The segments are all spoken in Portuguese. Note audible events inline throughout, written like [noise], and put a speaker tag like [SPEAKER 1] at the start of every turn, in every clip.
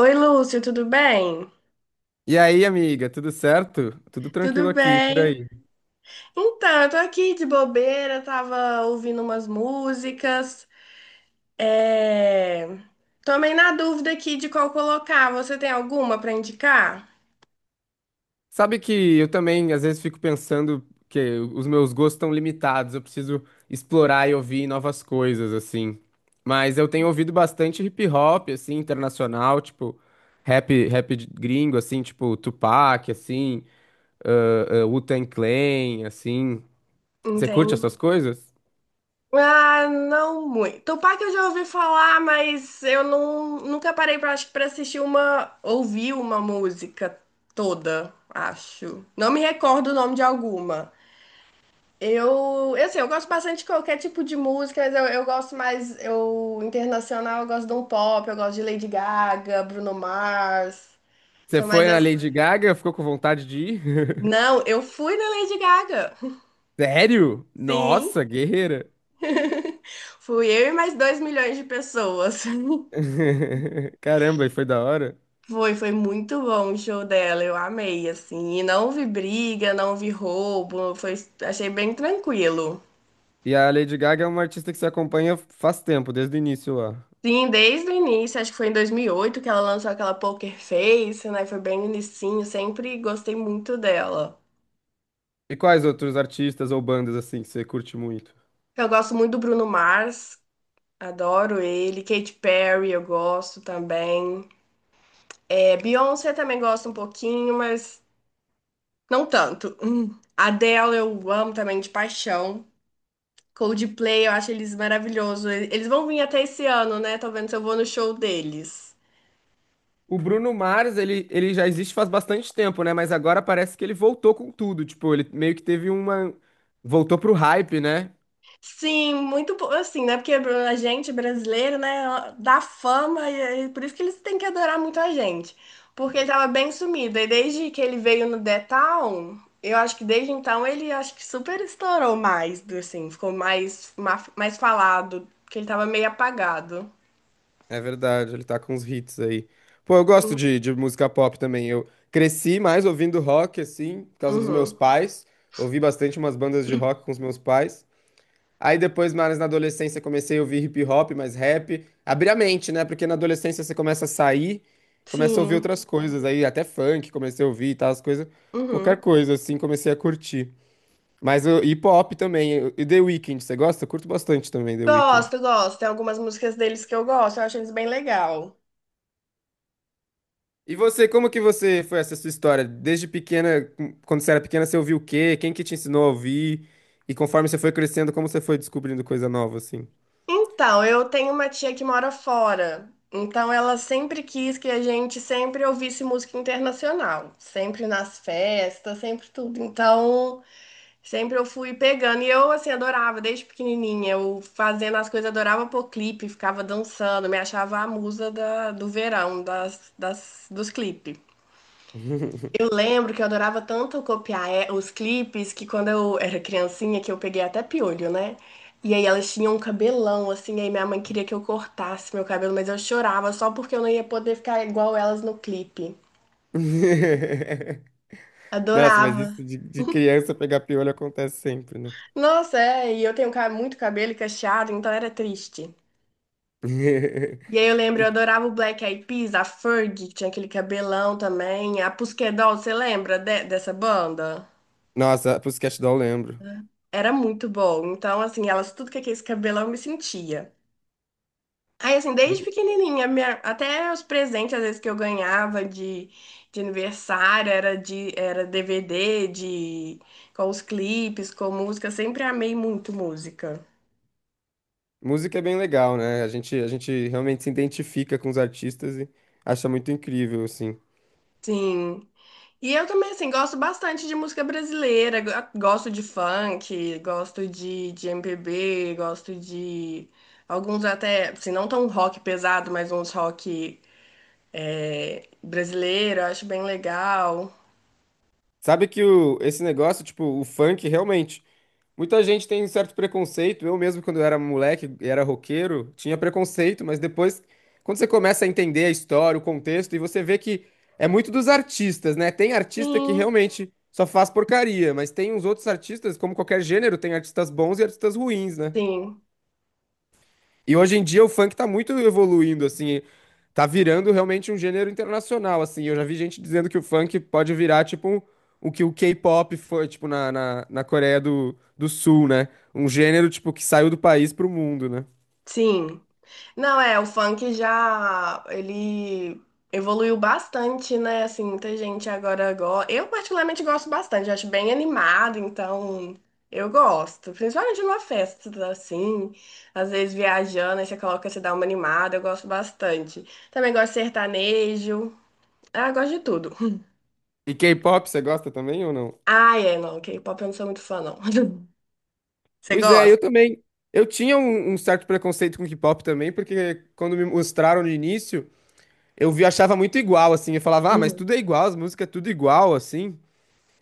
[SPEAKER 1] Oi, Lúcio, tudo bem?
[SPEAKER 2] E aí, amiga, tudo certo? Tudo tranquilo
[SPEAKER 1] Tudo
[SPEAKER 2] aqui, por
[SPEAKER 1] bem?
[SPEAKER 2] aí.
[SPEAKER 1] Então, eu tô aqui de bobeira, tava ouvindo umas músicas. É... Tomei na dúvida aqui de qual colocar. Você tem alguma pra indicar?
[SPEAKER 2] Sabe que eu também às vezes fico pensando que os meus gostos estão limitados, eu preciso explorar e ouvir novas coisas, assim. Mas eu tenho ouvido bastante hip hop, assim, internacional, tipo rap, gringo, assim, tipo Tupac, assim, Wu-Tang Clan, assim. Você curte
[SPEAKER 1] Entendi.
[SPEAKER 2] essas coisas?
[SPEAKER 1] Ah, não muito. Tupac eu já ouvi falar, mas eu não, nunca parei pra, acho que pra assistir uma, ouvir uma música toda, acho. Não me recordo o nome de alguma. Assim, eu gosto bastante de qualquer tipo de música, mas eu gosto mais, eu, internacional, eu gosto de um pop, eu gosto de Lady Gaga, Bruno Mars,
[SPEAKER 2] Você
[SPEAKER 1] são mais
[SPEAKER 2] foi na
[SPEAKER 1] as...
[SPEAKER 2] Lady Gaga, ficou com vontade de ir?
[SPEAKER 1] Não,
[SPEAKER 2] [laughs]
[SPEAKER 1] eu fui na Lady Gaga,
[SPEAKER 2] Sério?
[SPEAKER 1] sim,
[SPEAKER 2] Nossa, guerreira.
[SPEAKER 1] fui eu e mais 2 milhões de pessoas. [laughs]
[SPEAKER 2] [laughs] Caramba, e foi da hora.
[SPEAKER 1] Foi, foi muito bom o show dela, eu amei, assim, e não vi briga, não vi roubo, foi, achei bem tranquilo.
[SPEAKER 2] E a Lady Gaga é uma artista que você acompanha faz tempo, desde o início lá.
[SPEAKER 1] Sim, desde o início, acho que foi em 2008 que ela lançou aquela Poker Face, né? Foi bem no inicinho, sempre gostei muito dela.
[SPEAKER 2] E quais outros artistas ou bandas assim que você curte muito?
[SPEAKER 1] Eu gosto muito do Bruno Mars, adoro ele. Katy Perry eu gosto também. É, Beyoncé também gosto um pouquinho, mas não tanto. [clears throat] Hum. Adele eu amo também de paixão. Coldplay eu acho eles maravilhosos. Eles vão vir até esse ano, né? Tô vendo se eu vou no show deles.
[SPEAKER 2] O Bruno Mars, ele já existe faz bastante tempo, né? Mas agora parece que ele voltou com tudo. Tipo, ele meio que teve uma. Voltou pro hype, né?
[SPEAKER 1] Sim, muito po- assim, né? Porque a gente brasileiro, né, dá fama e por isso que eles têm que adorar muito a gente. Porque ele tava bem sumido. E desde que ele veio no The Town, eu acho que desde então ele acho que super estourou mais, do- assim, ficou mais, ma- mais falado, porque ele tava meio apagado.
[SPEAKER 2] É verdade, ele tá com uns hits aí. Pô, eu gosto
[SPEAKER 1] Sim.
[SPEAKER 2] de música pop também. Eu cresci mais ouvindo rock, assim, por causa dos meus
[SPEAKER 1] Uhum.
[SPEAKER 2] pais. Ouvi bastante umas bandas de rock com os meus pais. Aí depois, mais na adolescência, comecei a ouvir hip hop, mais rap. Abrir a mente, né? Porque na adolescência você começa a sair, começa a ouvir
[SPEAKER 1] Sim.
[SPEAKER 2] outras coisas. Aí até funk comecei a ouvir e tal, as coisas. Qualquer
[SPEAKER 1] Uhum.
[SPEAKER 2] coisa, assim, comecei a curtir. Mas o hip hop também. E The Weeknd, você gosta? Eu curto bastante também The Weeknd.
[SPEAKER 1] Gosto, gosto. Tem algumas músicas deles que eu gosto, eu acho eles bem legal.
[SPEAKER 2] E você, como que você foi essa sua história? Desde pequena, quando você era pequena, você ouviu o quê? Quem que te ensinou a ouvir? E conforme você foi crescendo, como você foi descobrindo coisa nova, assim?
[SPEAKER 1] Então, eu tenho uma tia que mora fora. Então, ela sempre quis que a gente sempre ouvisse música internacional, sempre nas festas, sempre tudo. Então, sempre eu fui pegando. E eu, assim, adorava, desde pequenininha. Eu fazendo as coisas, adorava pôr clipe, ficava dançando, me achava a musa da- do verão, dos clipes. Eu lembro que eu adorava tanto copiar é, os clipes que quando eu era criancinha, que eu peguei até piolho, né? E aí elas tinham um cabelão, assim, aí minha mãe queria que eu cortasse meu cabelo, mas eu chorava só porque eu não ia poder ficar igual elas no clipe.
[SPEAKER 2] [laughs] Nossa, mas
[SPEAKER 1] Adorava.
[SPEAKER 2] isso de criança pegar piolho acontece sempre, né?
[SPEAKER 1] Nossa, é, e eu tenho ca- muito cabelo cacheado, então era triste.
[SPEAKER 2] [laughs]
[SPEAKER 1] E aí eu lembro, eu
[SPEAKER 2] E-
[SPEAKER 1] adorava o Black Eyed Peas, a Fergie, que tinha aquele cabelão também, a Pusquedol, você lembra de- dessa banda?
[SPEAKER 2] nossa, Pussycat Doll eu lembro.
[SPEAKER 1] Era muito bom. Então, assim, elas tudo que aquele cabelão eu me sentia. Aí, assim,
[SPEAKER 2] E
[SPEAKER 1] desde pequenininha, minha- até os presentes, às vezes, que eu ganhava de aniversário, era DVD de, com os clipes, com música, sempre amei muito música.
[SPEAKER 2] música é bem legal, né? A gente realmente se identifica com os artistas e acha muito incrível, assim.
[SPEAKER 1] Sim. E eu também, assim, gosto bastante de música brasileira, go- gosto de funk, gosto de MPB, gosto de alguns até, assim, não tão rock pesado, mas uns rock é, brasileiro, eu acho bem legal.
[SPEAKER 2] Sabe que o, esse negócio, tipo, o funk, realmente. Muita gente tem um certo preconceito. Eu mesmo, quando eu era moleque e era roqueiro, tinha preconceito, mas depois, quando você começa a entender a história, o contexto, e você vê que é muito dos artistas, né? Tem artista que
[SPEAKER 1] Sim,
[SPEAKER 2] realmente só faz porcaria, mas tem uns outros artistas, como qualquer gênero, tem artistas bons e artistas ruins, né?
[SPEAKER 1] sim,
[SPEAKER 2] E hoje em dia o funk tá muito evoluindo, assim, tá virando realmente um gênero internacional, assim. Eu já vi gente dizendo que o funk pode virar, tipo, o que o K-pop foi, tipo, na Coreia do Sul, né? Um gênero, tipo, que saiu do país pro mundo, né?
[SPEAKER 1] sim. Não, é, o funk já, ele evoluiu bastante, né? Assim, muita gente agora gosta. Eu particularmente gosto bastante, acho bem animado, então eu gosto. Principalmente numa festa, assim, às vezes viajando, aí você coloca, você dá uma animada, eu gosto bastante. Também gosto de sertanejo, ah, eu gosto de tudo.
[SPEAKER 2] E K-pop, você gosta também ou não?
[SPEAKER 1] Ah, é, não, K-pop eu não sou muito fã, não. [laughs] Você
[SPEAKER 2] Pois é,
[SPEAKER 1] gosta?
[SPEAKER 2] eu também. Eu tinha um certo preconceito com K-pop também, porque quando me mostraram no início, eu vi, achava muito igual, assim. Eu falava, ah, mas
[SPEAKER 1] Uhum.
[SPEAKER 2] tudo é igual, as músicas é tudo igual, assim.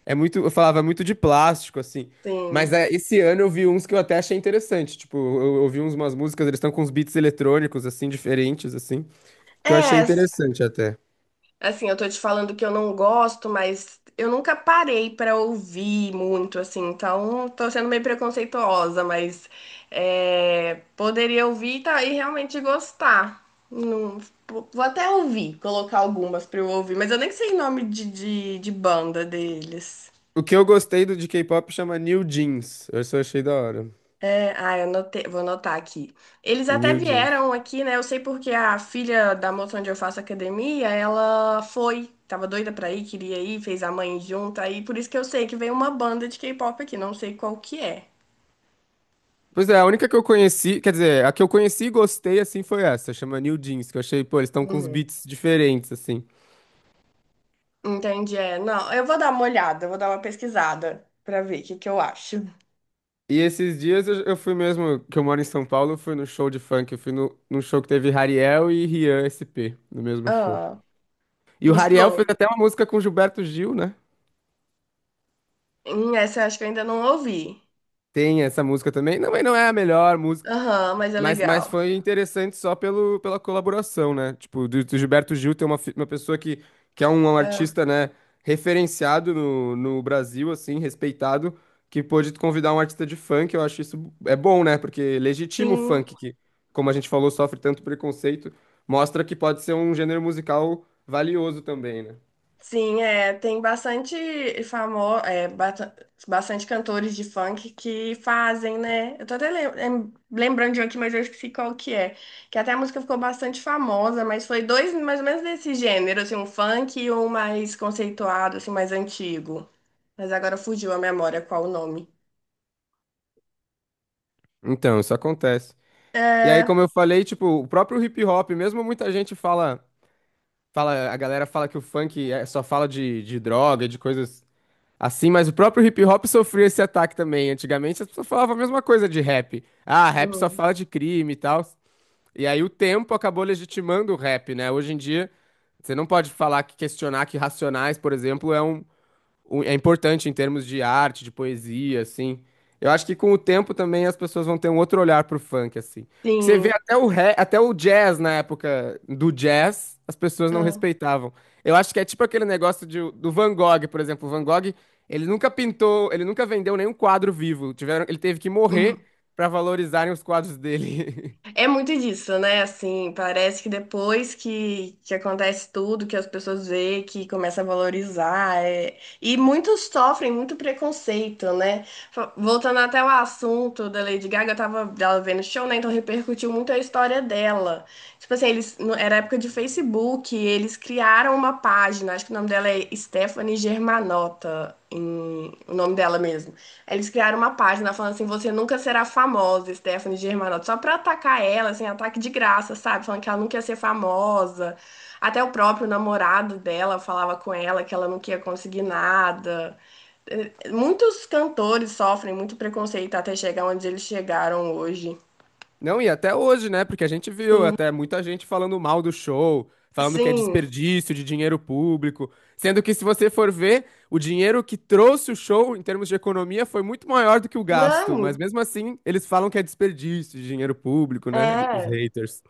[SPEAKER 2] É muito, eu falava é muito de plástico, assim. Mas
[SPEAKER 1] Sim.
[SPEAKER 2] é, esse ano eu vi uns que eu até achei interessante. Tipo, eu ouvi uns, umas músicas, eles estão com uns beats eletrônicos, assim, diferentes, assim, que eu achei
[SPEAKER 1] É,
[SPEAKER 2] interessante até.
[SPEAKER 1] assim, eu tô te falando que eu não gosto, mas eu nunca parei pra ouvir muito, assim, então tô sendo meio preconceituosa, mas é, poderia ouvir e tá, e realmente gostar. Não- vou até ouvir, colocar algumas pra eu ouvir, mas eu nem sei nome de banda deles.
[SPEAKER 2] O que eu gostei do de K-pop chama New Jeans. Eu só achei da hora.
[SPEAKER 1] É, ah, eu anotei- vou anotar aqui. Eles até
[SPEAKER 2] New Jeans.
[SPEAKER 1] vieram aqui, né? Eu sei porque a filha da moça onde eu faço academia, ela foi, tava doida pra ir, queria ir, fez a mãe junto, aí por isso que eu sei que veio uma banda de K-pop aqui, não sei qual que é.
[SPEAKER 2] Pois é, a única que eu conheci, quer dizer, a que eu conheci e gostei, assim, foi essa. Chama New Jeans, que eu achei, pô, eles estão com uns
[SPEAKER 1] Uhum.
[SPEAKER 2] beats diferentes, assim.
[SPEAKER 1] Entendi, é. Não, eu vou dar uma olhada, eu vou dar uma pesquisada pra ver o que que eu acho.
[SPEAKER 2] E esses dias eu fui mesmo, que eu moro em São Paulo, eu fui no show de funk, eu fui no, num show que teve Hariel e Rian SP, no mesmo show.
[SPEAKER 1] Ah,
[SPEAKER 2] E o Hariel
[SPEAKER 1] gostou?
[SPEAKER 2] fez até uma música com Gilberto Gil, né?
[SPEAKER 1] Essa eu acho que eu ainda não ouvi.
[SPEAKER 2] Tem essa música também. Não, mas não é a melhor.
[SPEAKER 1] Aham, mas é
[SPEAKER 2] Mas
[SPEAKER 1] legal.
[SPEAKER 2] foi interessante só pelo, pela colaboração, né? Tipo, do Gilberto Gil tem uma, uma pessoa que é um, um
[SPEAKER 1] Ah,
[SPEAKER 2] artista, né, referenciado no Brasil, assim, respeitado, que pôde convidar um artista de funk, eu acho isso é bom, né? Porque legitima o
[SPEAKER 1] sim.
[SPEAKER 2] funk, que, como a gente falou, sofre tanto preconceito, mostra que pode ser um gênero musical valioso também, né?
[SPEAKER 1] Sim, é, tem bastante famoso, é, bata- bastante cantores de funk que fazem, né? Eu tô até lembrando de um aqui, mas eu esqueci qual que é. Que até a música ficou bastante famosa, mas foi dois mais ou menos desse gênero, assim, um funk e um mais conceituado, assim, mais antigo. Mas agora fugiu a memória qual o nome.
[SPEAKER 2] Então, isso acontece. E aí,
[SPEAKER 1] É,
[SPEAKER 2] como eu falei, tipo, o próprio hip hop, mesmo muita gente fala. Fala, a galera fala que o funk só fala de droga, de coisas assim, mas o próprio hip hop sofreu esse ataque também. Antigamente as pessoas falavam a mesma coisa de rap. Ah, rap só
[SPEAKER 1] hum,
[SPEAKER 2] fala de crime e tal. E aí o tempo acabou legitimando o rap, né? Hoje em dia, você não pode falar que questionar que Racionais, por exemplo, é um, é importante em termos de arte, de poesia, assim. Eu acho que com o tempo também as pessoas vão ter um outro olhar pro funk, assim. Porque você vê
[SPEAKER 1] sim.
[SPEAKER 2] até o até o jazz na época do jazz, as pessoas não
[SPEAKER 1] Ah.
[SPEAKER 2] respeitavam. Eu acho que é tipo aquele negócio do Van Gogh, por exemplo. O Van Gogh, ele nunca pintou, ele nunca vendeu nenhum quadro vivo. Tiveram, ele teve que morrer
[SPEAKER 1] [laughs]
[SPEAKER 2] para valorizarem os quadros dele. [laughs]
[SPEAKER 1] É muito disso, né? Assim, parece que depois que acontece tudo, que as pessoas veem, que começa a valorizar. E muitos sofrem muito preconceito, né? Voltando até o assunto da Lady Gaga, eu tava dela vendo show, né? Então repercutiu muito a história dela. Tipo assim, eles, no- era época de Facebook, eles criaram uma página, acho que o nome dela é Stephanie Germanotta, em- o nome dela mesmo. Eles criaram uma página falando assim: você nunca será famosa, Stephanie Germanotta, só pra atacar ela, assim, ataque de graça, sabe? Falando que ela nunca ia ser famosa. Até o próprio namorado dela falava com ela que ela não ia conseguir nada. Muitos cantores sofrem muito preconceito até chegar onde eles chegaram hoje.
[SPEAKER 2] Não, e até hoje, né? Porque a gente viu
[SPEAKER 1] Sim,
[SPEAKER 2] até muita gente falando mal do show, falando que é
[SPEAKER 1] sim.
[SPEAKER 2] desperdício de dinheiro público, sendo que se você for ver, o dinheiro que trouxe o show em termos de economia foi muito maior do que o gasto, mas
[SPEAKER 1] Não,
[SPEAKER 2] mesmo assim, eles falam que é desperdício de dinheiro público, né? Os
[SPEAKER 1] é.
[SPEAKER 2] haters.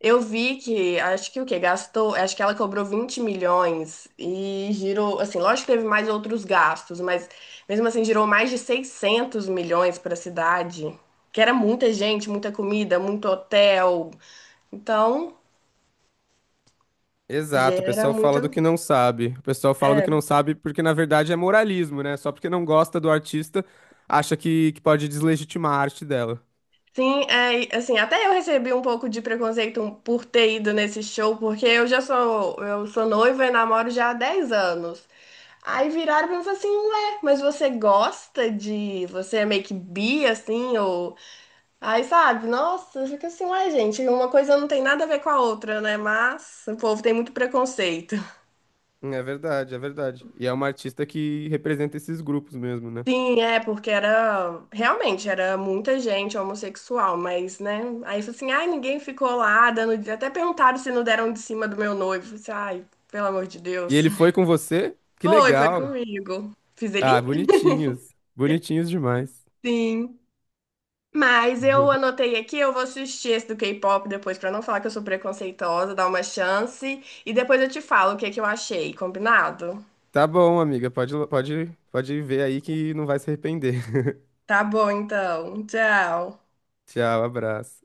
[SPEAKER 1] Eu vi que, acho que o que gastou, acho que ela cobrou 20 milhões e girou, assim, lógico que teve mais outros gastos, mas mesmo assim girou mais de 600 milhões para a cidade, que era muita gente, muita comida, muito hotel. Então,
[SPEAKER 2] Exato, o
[SPEAKER 1] gera
[SPEAKER 2] pessoal
[SPEAKER 1] muita,
[SPEAKER 2] fala do que não sabe. O pessoal fala do que não
[SPEAKER 1] é.
[SPEAKER 2] sabe porque na verdade é moralismo, né? Só porque não gosta do artista, acha que pode deslegitimar a arte dela.
[SPEAKER 1] Sim, é, e, assim, até eu recebi um pouco de preconceito por ter ido nesse show, porque eu já sou, eu sou noiva e namoro já há 10 anos. Aí viraram pra mim e falaram assim, ué, mas você gosta de... Você é meio que bi, assim, ou... Aí, sabe, nossa, fica assim, ué, gente, uma coisa não tem nada a ver com a outra, né? Mas o povo tem muito preconceito. [laughs]
[SPEAKER 2] É verdade, é verdade. E é uma artista que representa esses grupos mesmo, né?
[SPEAKER 1] Sim, é, porque era... Realmente, era muita gente homossexual, mas, né? Aí, falou assim, ai, ninguém ficou lá dando... Até perguntaram se não deram de cima do meu noivo. Eu falei assim, ai, pelo amor de
[SPEAKER 2] E
[SPEAKER 1] Deus.
[SPEAKER 2] ele foi
[SPEAKER 1] [laughs]
[SPEAKER 2] com você? Que
[SPEAKER 1] Foi, foi
[SPEAKER 2] legal.
[SPEAKER 1] comigo. Fiz
[SPEAKER 2] Ah,
[SPEAKER 1] ele?
[SPEAKER 2] bonitinhos. Bonitinhos demais.
[SPEAKER 1] Sim. Mas eu
[SPEAKER 2] [laughs]
[SPEAKER 1] anotei aqui, eu vou assistir esse do K-pop depois, pra não falar que eu sou preconceituosa, dar uma chance. E depois eu te falo o que que eu achei, combinado?
[SPEAKER 2] Tá bom, amiga. Pode, pode, pode ver aí que não vai se arrepender. [laughs]
[SPEAKER 1] Tá bom, então. Tchau.
[SPEAKER 2] Tchau, abraço.